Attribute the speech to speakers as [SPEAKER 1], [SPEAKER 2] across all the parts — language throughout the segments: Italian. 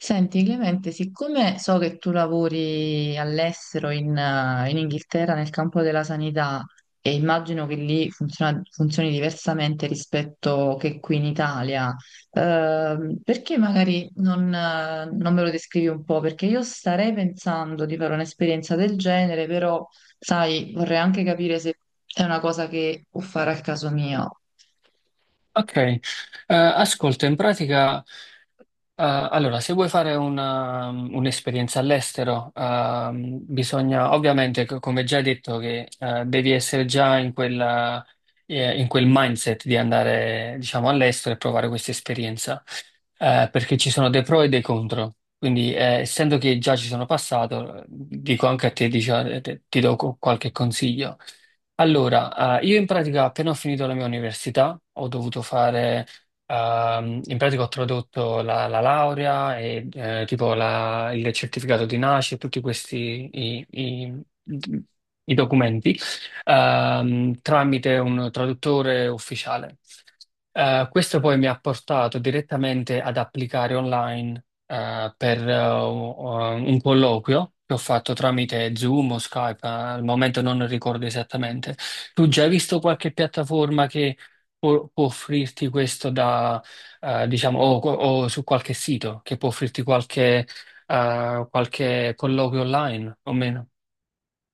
[SPEAKER 1] Senti, Clemente, siccome so che tu lavori all'estero in Inghilterra nel campo della sanità e immagino che lì funzioni diversamente rispetto che qui in Italia, perché magari non me lo descrivi un po'? Perché io starei pensando di fare un'esperienza del genere, però, sai, vorrei anche capire se è una cosa che può fare al caso mio.
[SPEAKER 2] Ok. Ascolta, in pratica, allora, se vuoi fare un'esperienza all'estero, bisogna, ovviamente, come già detto, che devi essere già in in quel mindset di andare, diciamo, all'estero e provare questa esperienza, perché ci sono dei pro e dei contro. Quindi, essendo che già ci sono passato, dico anche a te, ti do qualche consiglio. Allora, io in pratica appena ho finito la mia università ho dovuto fare, in pratica ho tradotto la laurea e tipo il certificato di nascita, tutti questi i documenti, tramite un traduttore ufficiale. Questo poi mi ha portato direttamente ad applicare online per un colloquio che ho fatto tramite Zoom o Skype, al momento non ricordo esattamente. Tu già hai visto qualche piattaforma che può offrirti questo da, diciamo, o su qualche sito che può offrirti qualche colloquio online o meno?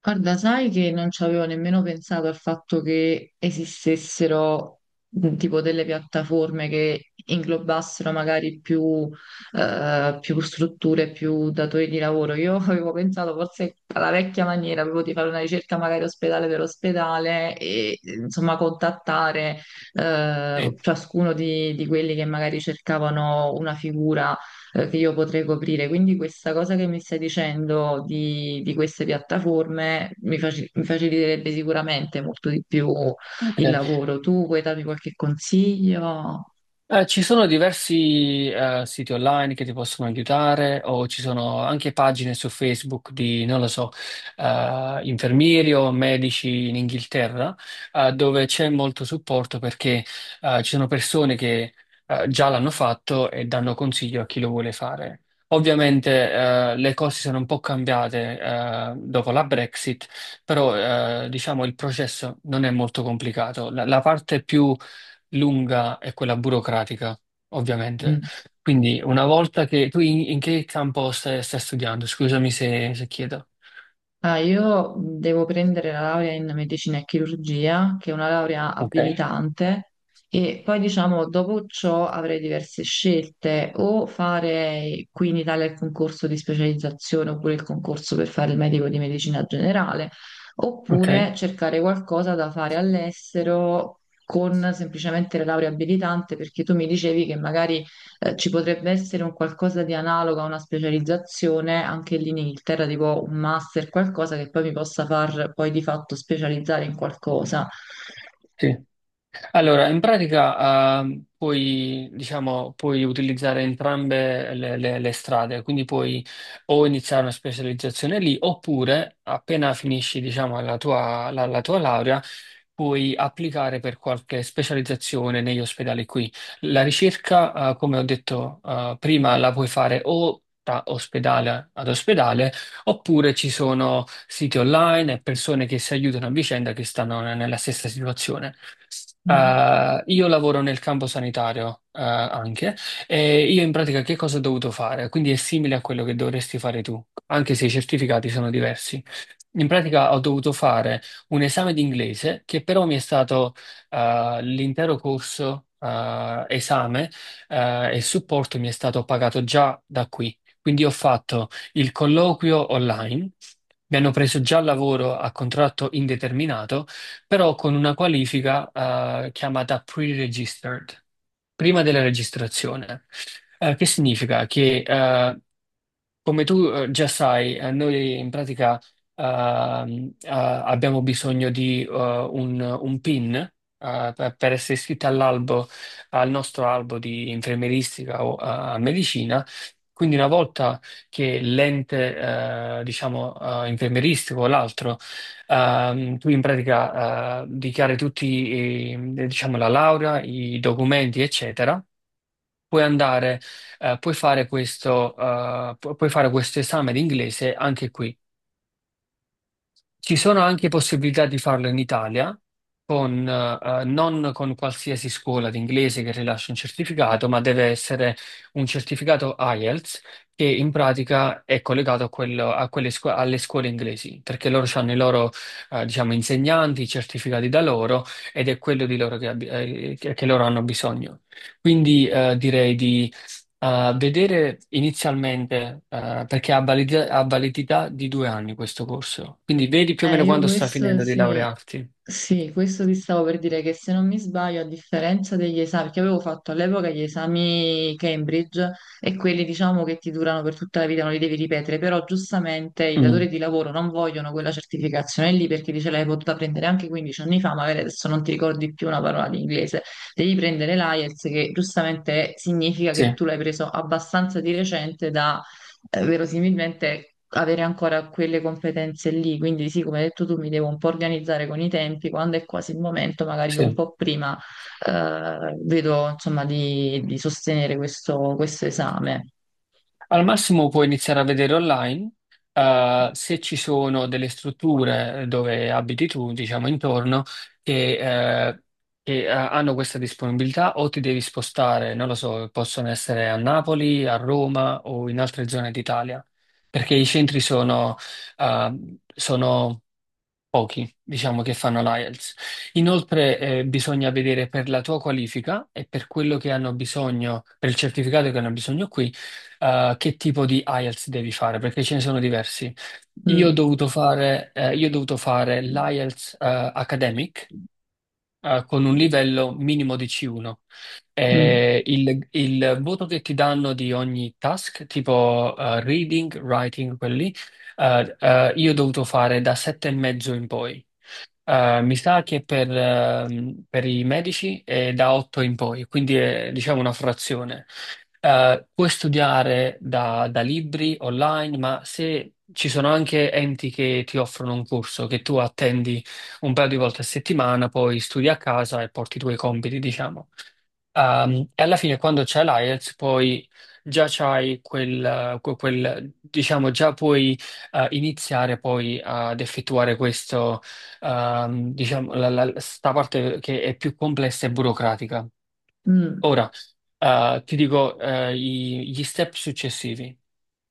[SPEAKER 1] Guarda, sai che non ci avevo nemmeno pensato al fatto che esistessero tipo delle piattaforme che inglobassero magari più strutture, più datori di lavoro. Io avevo pensato forse alla vecchia maniera, avevo di fare una ricerca magari ospedale per ospedale e insomma contattare
[SPEAKER 2] Sì.
[SPEAKER 1] ciascuno di quelli che magari cercavano una figura che io potrei coprire. Quindi questa cosa che mi stai dicendo di queste piattaforme mi faciliterebbe sicuramente molto di più
[SPEAKER 2] Ok.
[SPEAKER 1] il lavoro. Tu puoi darmi qualche consiglio?
[SPEAKER 2] Ci sono diversi siti online che ti possono aiutare, o ci sono anche pagine su Facebook di, non lo so, infermieri o medici in Inghilterra, dove c'è molto supporto, perché ci sono persone che già l'hanno fatto e danno consiglio a chi lo vuole fare. Ovviamente le cose sono un po' cambiate dopo la Brexit, però diciamo il processo non è molto complicato. La parte più lunga è quella burocratica, ovviamente.
[SPEAKER 1] Mm.
[SPEAKER 2] Quindi una volta che tu, in che campo stai studiando? Scusami se chiedo.
[SPEAKER 1] Ah, io devo prendere la laurea in medicina e chirurgia, che è una laurea
[SPEAKER 2] Ok.
[SPEAKER 1] abilitante, e poi diciamo dopo ciò avrei diverse scelte, o fare qui in Italia il concorso di specializzazione oppure il concorso per fare il medico di medicina generale,
[SPEAKER 2] Ok,
[SPEAKER 1] oppure cercare qualcosa da fare all'estero con semplicemente la laurea abilitante, perché tu mi dicevi che magari ci potrebbe essere un qualcosa di analogo a una specializzazione anche lì in Inghilterra, tipo un master, qualcosa che poi mi possa far poi di fatto specializzare in qualcosa.
[SPEAKER 2] sì. Allora, in pratica, puoi, diciamo, puoi utilizzare entrambe le strade, quindi puoi o iniziare una specializzazione lì, oppure appena finisci, diciamo, la tua laurea, puoi applicare per qualche specializzazione negli ospedali qui. La ricerca, come ho detto prima, la puoi fare o da ospedale ad ospedale, oppure ci sono siti online e persone che si aiutano a vicenda, che stanno nella stessa situazione.
[SPEAKER 1] Mm.
[SPEAKER 2] Io lavoro nel campo sanitario anche, e io in pratica che cosa ho dovuto fare? Quindi è simile a quello che dovresti fare tu, anche se i certificati sono diversi. In pratica ho dovuto fare un esame di inglese, che però mi è stato, l'intero corso, esame e supporto, mi è stato pagato già da qui. Quindi ho fatto il colloquio online, mi hanno preso già al lavoro a contratto indeterminato, però con una qualifica chiamata pre-registered, prima della registrazione. Che significa? Che, come tu già sai, noi in pratica abbiamo bisogno di un PIN per, essere iscritti all'albo, al nostro albo di infermieristica o medicina. Quindi una volta che l'ente, diciamo, infermieristico o l'altro, tu in pratica dichiari tutti, diciamo, la laurea, i documenti, eccetera. Puoi andare, puoi fare questo, puoi fare questo esame di inglese anche qui. Ci sono anche possibilità di farlo in Italia, con, non con qualsiasi scuola di inglese che rilascia un certificato, ma deve essere un certificato IELTS, che in pratica è collegato a quello- a quelle scu- alle scuole inglesi, perché loro hanno i loro, diciamo, insegnanti certificati da loro, ed è quello di loro che loro hanno bisogno. Quindi direi di a vedere inizialmente, perché ha validità di 2 anni questo corso, quindi vedi più o meno
[SPEAKER 1] Io
[SPEAKER 2] quando sta
[SPEAKER 1] questo
[SPEAKER 2] finendo di
[SPEAKER 1] sì,
[SPEAKER 2] laurearti.
[SPEAKER 1] sì, questo ti stavo per dire che se non mi sbaglio, a differenza degli esami, perché avevo fatto all'epoca gli esami Cambridge e quelli diciamo che ti durano per tutta la vita, non li devi ripetere, però giustamente i
[SPEAKER 2] Mm,
[SPEAKER 1] datori di lavoro non vogliono quella certificazione lì perché dice l'hai potuta prendere anche 15 anni fa, magari adesso non ti ricordi più una parola di inglese, devi prendere l'IELTS che giustamente significa
[SPEAKER 2] sì,
[SPEAKER 1] che tu l'hai preso abbastanza di recente da verosimilmente avere ancora quelle competenze lì. Quindi sì, come hai detto tu, mi devo un po' organizzare con i tempi, quando è quasi il momento, magari io un
[SPEAKER 2] sì.
[SPEAKER 1] po' prima vedo insomma di sostenere questo, questo esame.
[SPEAKER 2] Al massimo puoi iniziare a vedere online, se ci sono delle strutture dove abiti tu, diciamo intorno, che, eh, che hanno questa disponibilità, o ti devi spostare, non lo so, possono essere a Napoli, a Roma o in altre zone d'Italia, perché i centri sono, eh, sono pochi, diciamo, che fanno l'IELTS. Inoltre, bisogna vedere per la tua qualifica e per quello che hanno bisogno, per il certificato che hanno bisogno qui, che tipo di IELTS devi fare, perché ce ne sono diversi.
[SPEAKER 1] Mm.
[SPEAKER 2] Io ho dovuto fare l'IELTS, Academic, con un livello minimo di C1.
[SPEAKER 1] Mm.
[SPEAKER 2] Il voto che ti danno di ogni task, tipo reading, writing, quelli, io ho dovuto fare da 7,5 in poi. Mi sa che per i medici è da 8 in poi, quindi è, diciamo, una frazione. Puoi studiare da libri online, ma se ci sono anche enti che ti offrono un corso, che tu attendi un paio di volte a settimana, poi studi a casa e porti i tuoi compiti, diciamo. E alla fine quando c'è l'IELTS, poi già c'hai diciamo già puoi iniziare poi ad effettuare questo, diciamo, sta parte che è più complessa e burocratica.
[SPEAKER 1] Mm.
[SPEAKER 2] Ora, ti dico gli step successivi.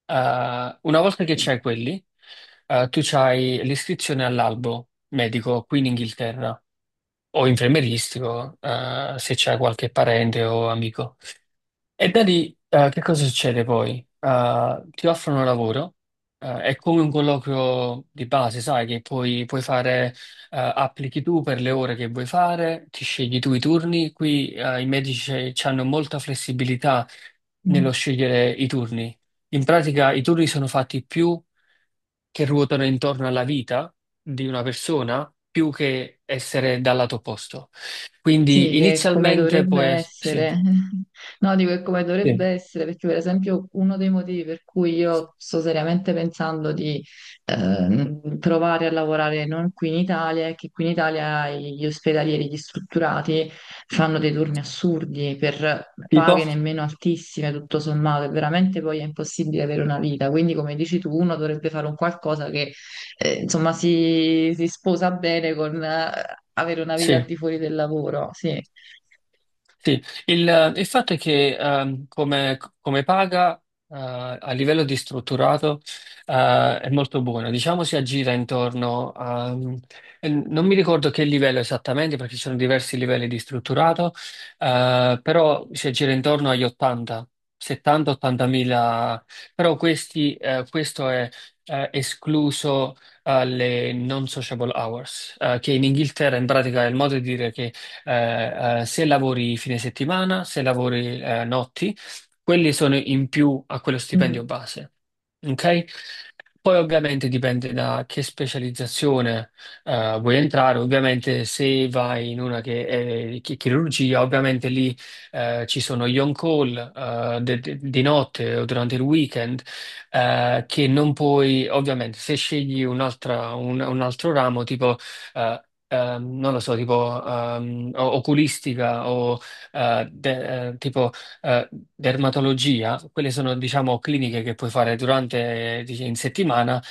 [SPEAKER 2] Una volta che c'hai quelli, tu c'hai l'iscrizione all'albo medico qui in Inghilterra o infermieristico, se c'è qualche parente o amico. E da lì, che cosa succede poi? Ti offrono lavoro, è come un colloquio di base, sai, che puoi fare, applichi tu per le ore che vuoi fare, ti scegli tu i turni. Qui i medici hanno molta flessibilità
[SPEAKER 1] Mm.
[SPEAKER 2] nello scegliere i turni. In pratica, i turni sono fatti più che ruotano intorno alla vita di una persona, più che essere dal lato opposto.
[SPEAKER 1] Sì,
[SPEAKER 2] Quindi,
[SPEAKER 1] che è come
[SPEAKER 2] inizialmente,
[SPEAKER 1] dovrebbe
[SPEAKER 2] puoi, sì,
[SPEAKER 1] essere. No, dico che è come dovrebbe
[SPEAKER 2] sì.
[SPEAKER 1] essere, perché per esempio uno dei motivi per cui io sto seriamente pensando di provare a lavorare non qui in Italia è che qui in Italia gli ospedalieri, gli strutturati fanno dei turni assurdi per
[SPEAKER 2] Tipo?
[SPEAKER 1] paghe nemmeno altissime, tutto sommato, e veramente poi è impossibile avere una vita. Quindi, come dici tu, uno dovrebbe fare un qualcosa che insomma, si sposa bene con avere una vita al
[SPEAKER 2] Sì.
[SPEAKER 1] di fuori del lavoro, sì.
[SPEAKER 2] Sì, il fatto è che, come, paga, eh, a livello di strutturato, è molto buona, diciamo si aggira intorno a, e non mi ricordo che livello esattamente perché ci sono diversi livelli di strutturato, però si aggira intorno agli 80, 70-80 mila, però questo è escluso alle non sociable hours, che in Inghilterra in pratica è il modo di dire che, se lavori fine settimana, se lavori notti, quelli sono in più a quello stipendio
[SPEAKER 1] Mm.
[SPEAKER 2] base. Ok? Poi ovviamente dipende da che specializzazione vuoi entrare. Ovviamente se vai in una che è chirurgia, ovviamente lì ci sono gli on-call di notte o durante il weekend, che non puoi; ovviamente se scegli un'altra, un altro ramo, tipo eh, non lo so, tipo oculistica o tipo eh, dermatologia, quelle sono, diciamo, cliniche che puoi fare durante, dice, in settimana.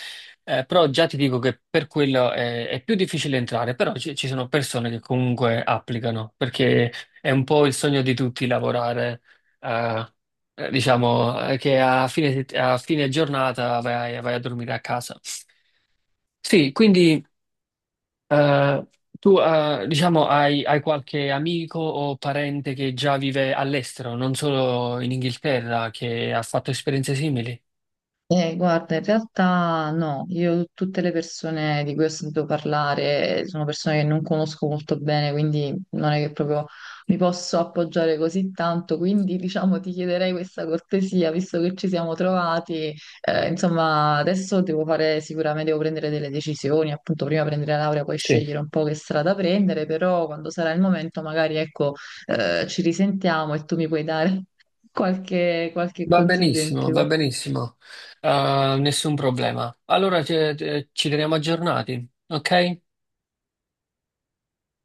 [SPEAKER 2] Però già ti dico che per quello è più difficile entrare, però ci sono persone che comunque applicano, perché è un po' il sogno di tutti lavorare, eh, diciamo, che a fine giornata vai a dormire a casa. Sì, quindi eh, tu, diciamo, hai qualche amico o parente che già vive all'estero, non solo in Inghilterra, che ha fatto esperienze simili?
[SPEAKER 1] Guarda, in realtà no, io tutte le persone di cui ho sentito parlare sono persone che non conosco molto bene, quindi non è che proprio mi posso appoggiare così tanto, quindi diciamo ti chiederei questa cortesia, visto che ci siamo trovati, insomma adesso devo fare sicuramente, devo prendere delle decisioni, appunto prima prendere la laurea, poi
[SPEAKER 2] Sì.
[SPEAKER 1] scegliere un po' che strada prendere, però quando sarà il momento magari ecco ci risentiamo e tu mi puoi dare qualche
[SPEAKER 2] Va
[SPEAKER 1] consiglio in
[SPEAKER 2] benissimo,
[SPEAKER 1] più.
[SPEAKER 2] va benissimo. Nessun problema. Allora ci teniamo aggiornati, ok?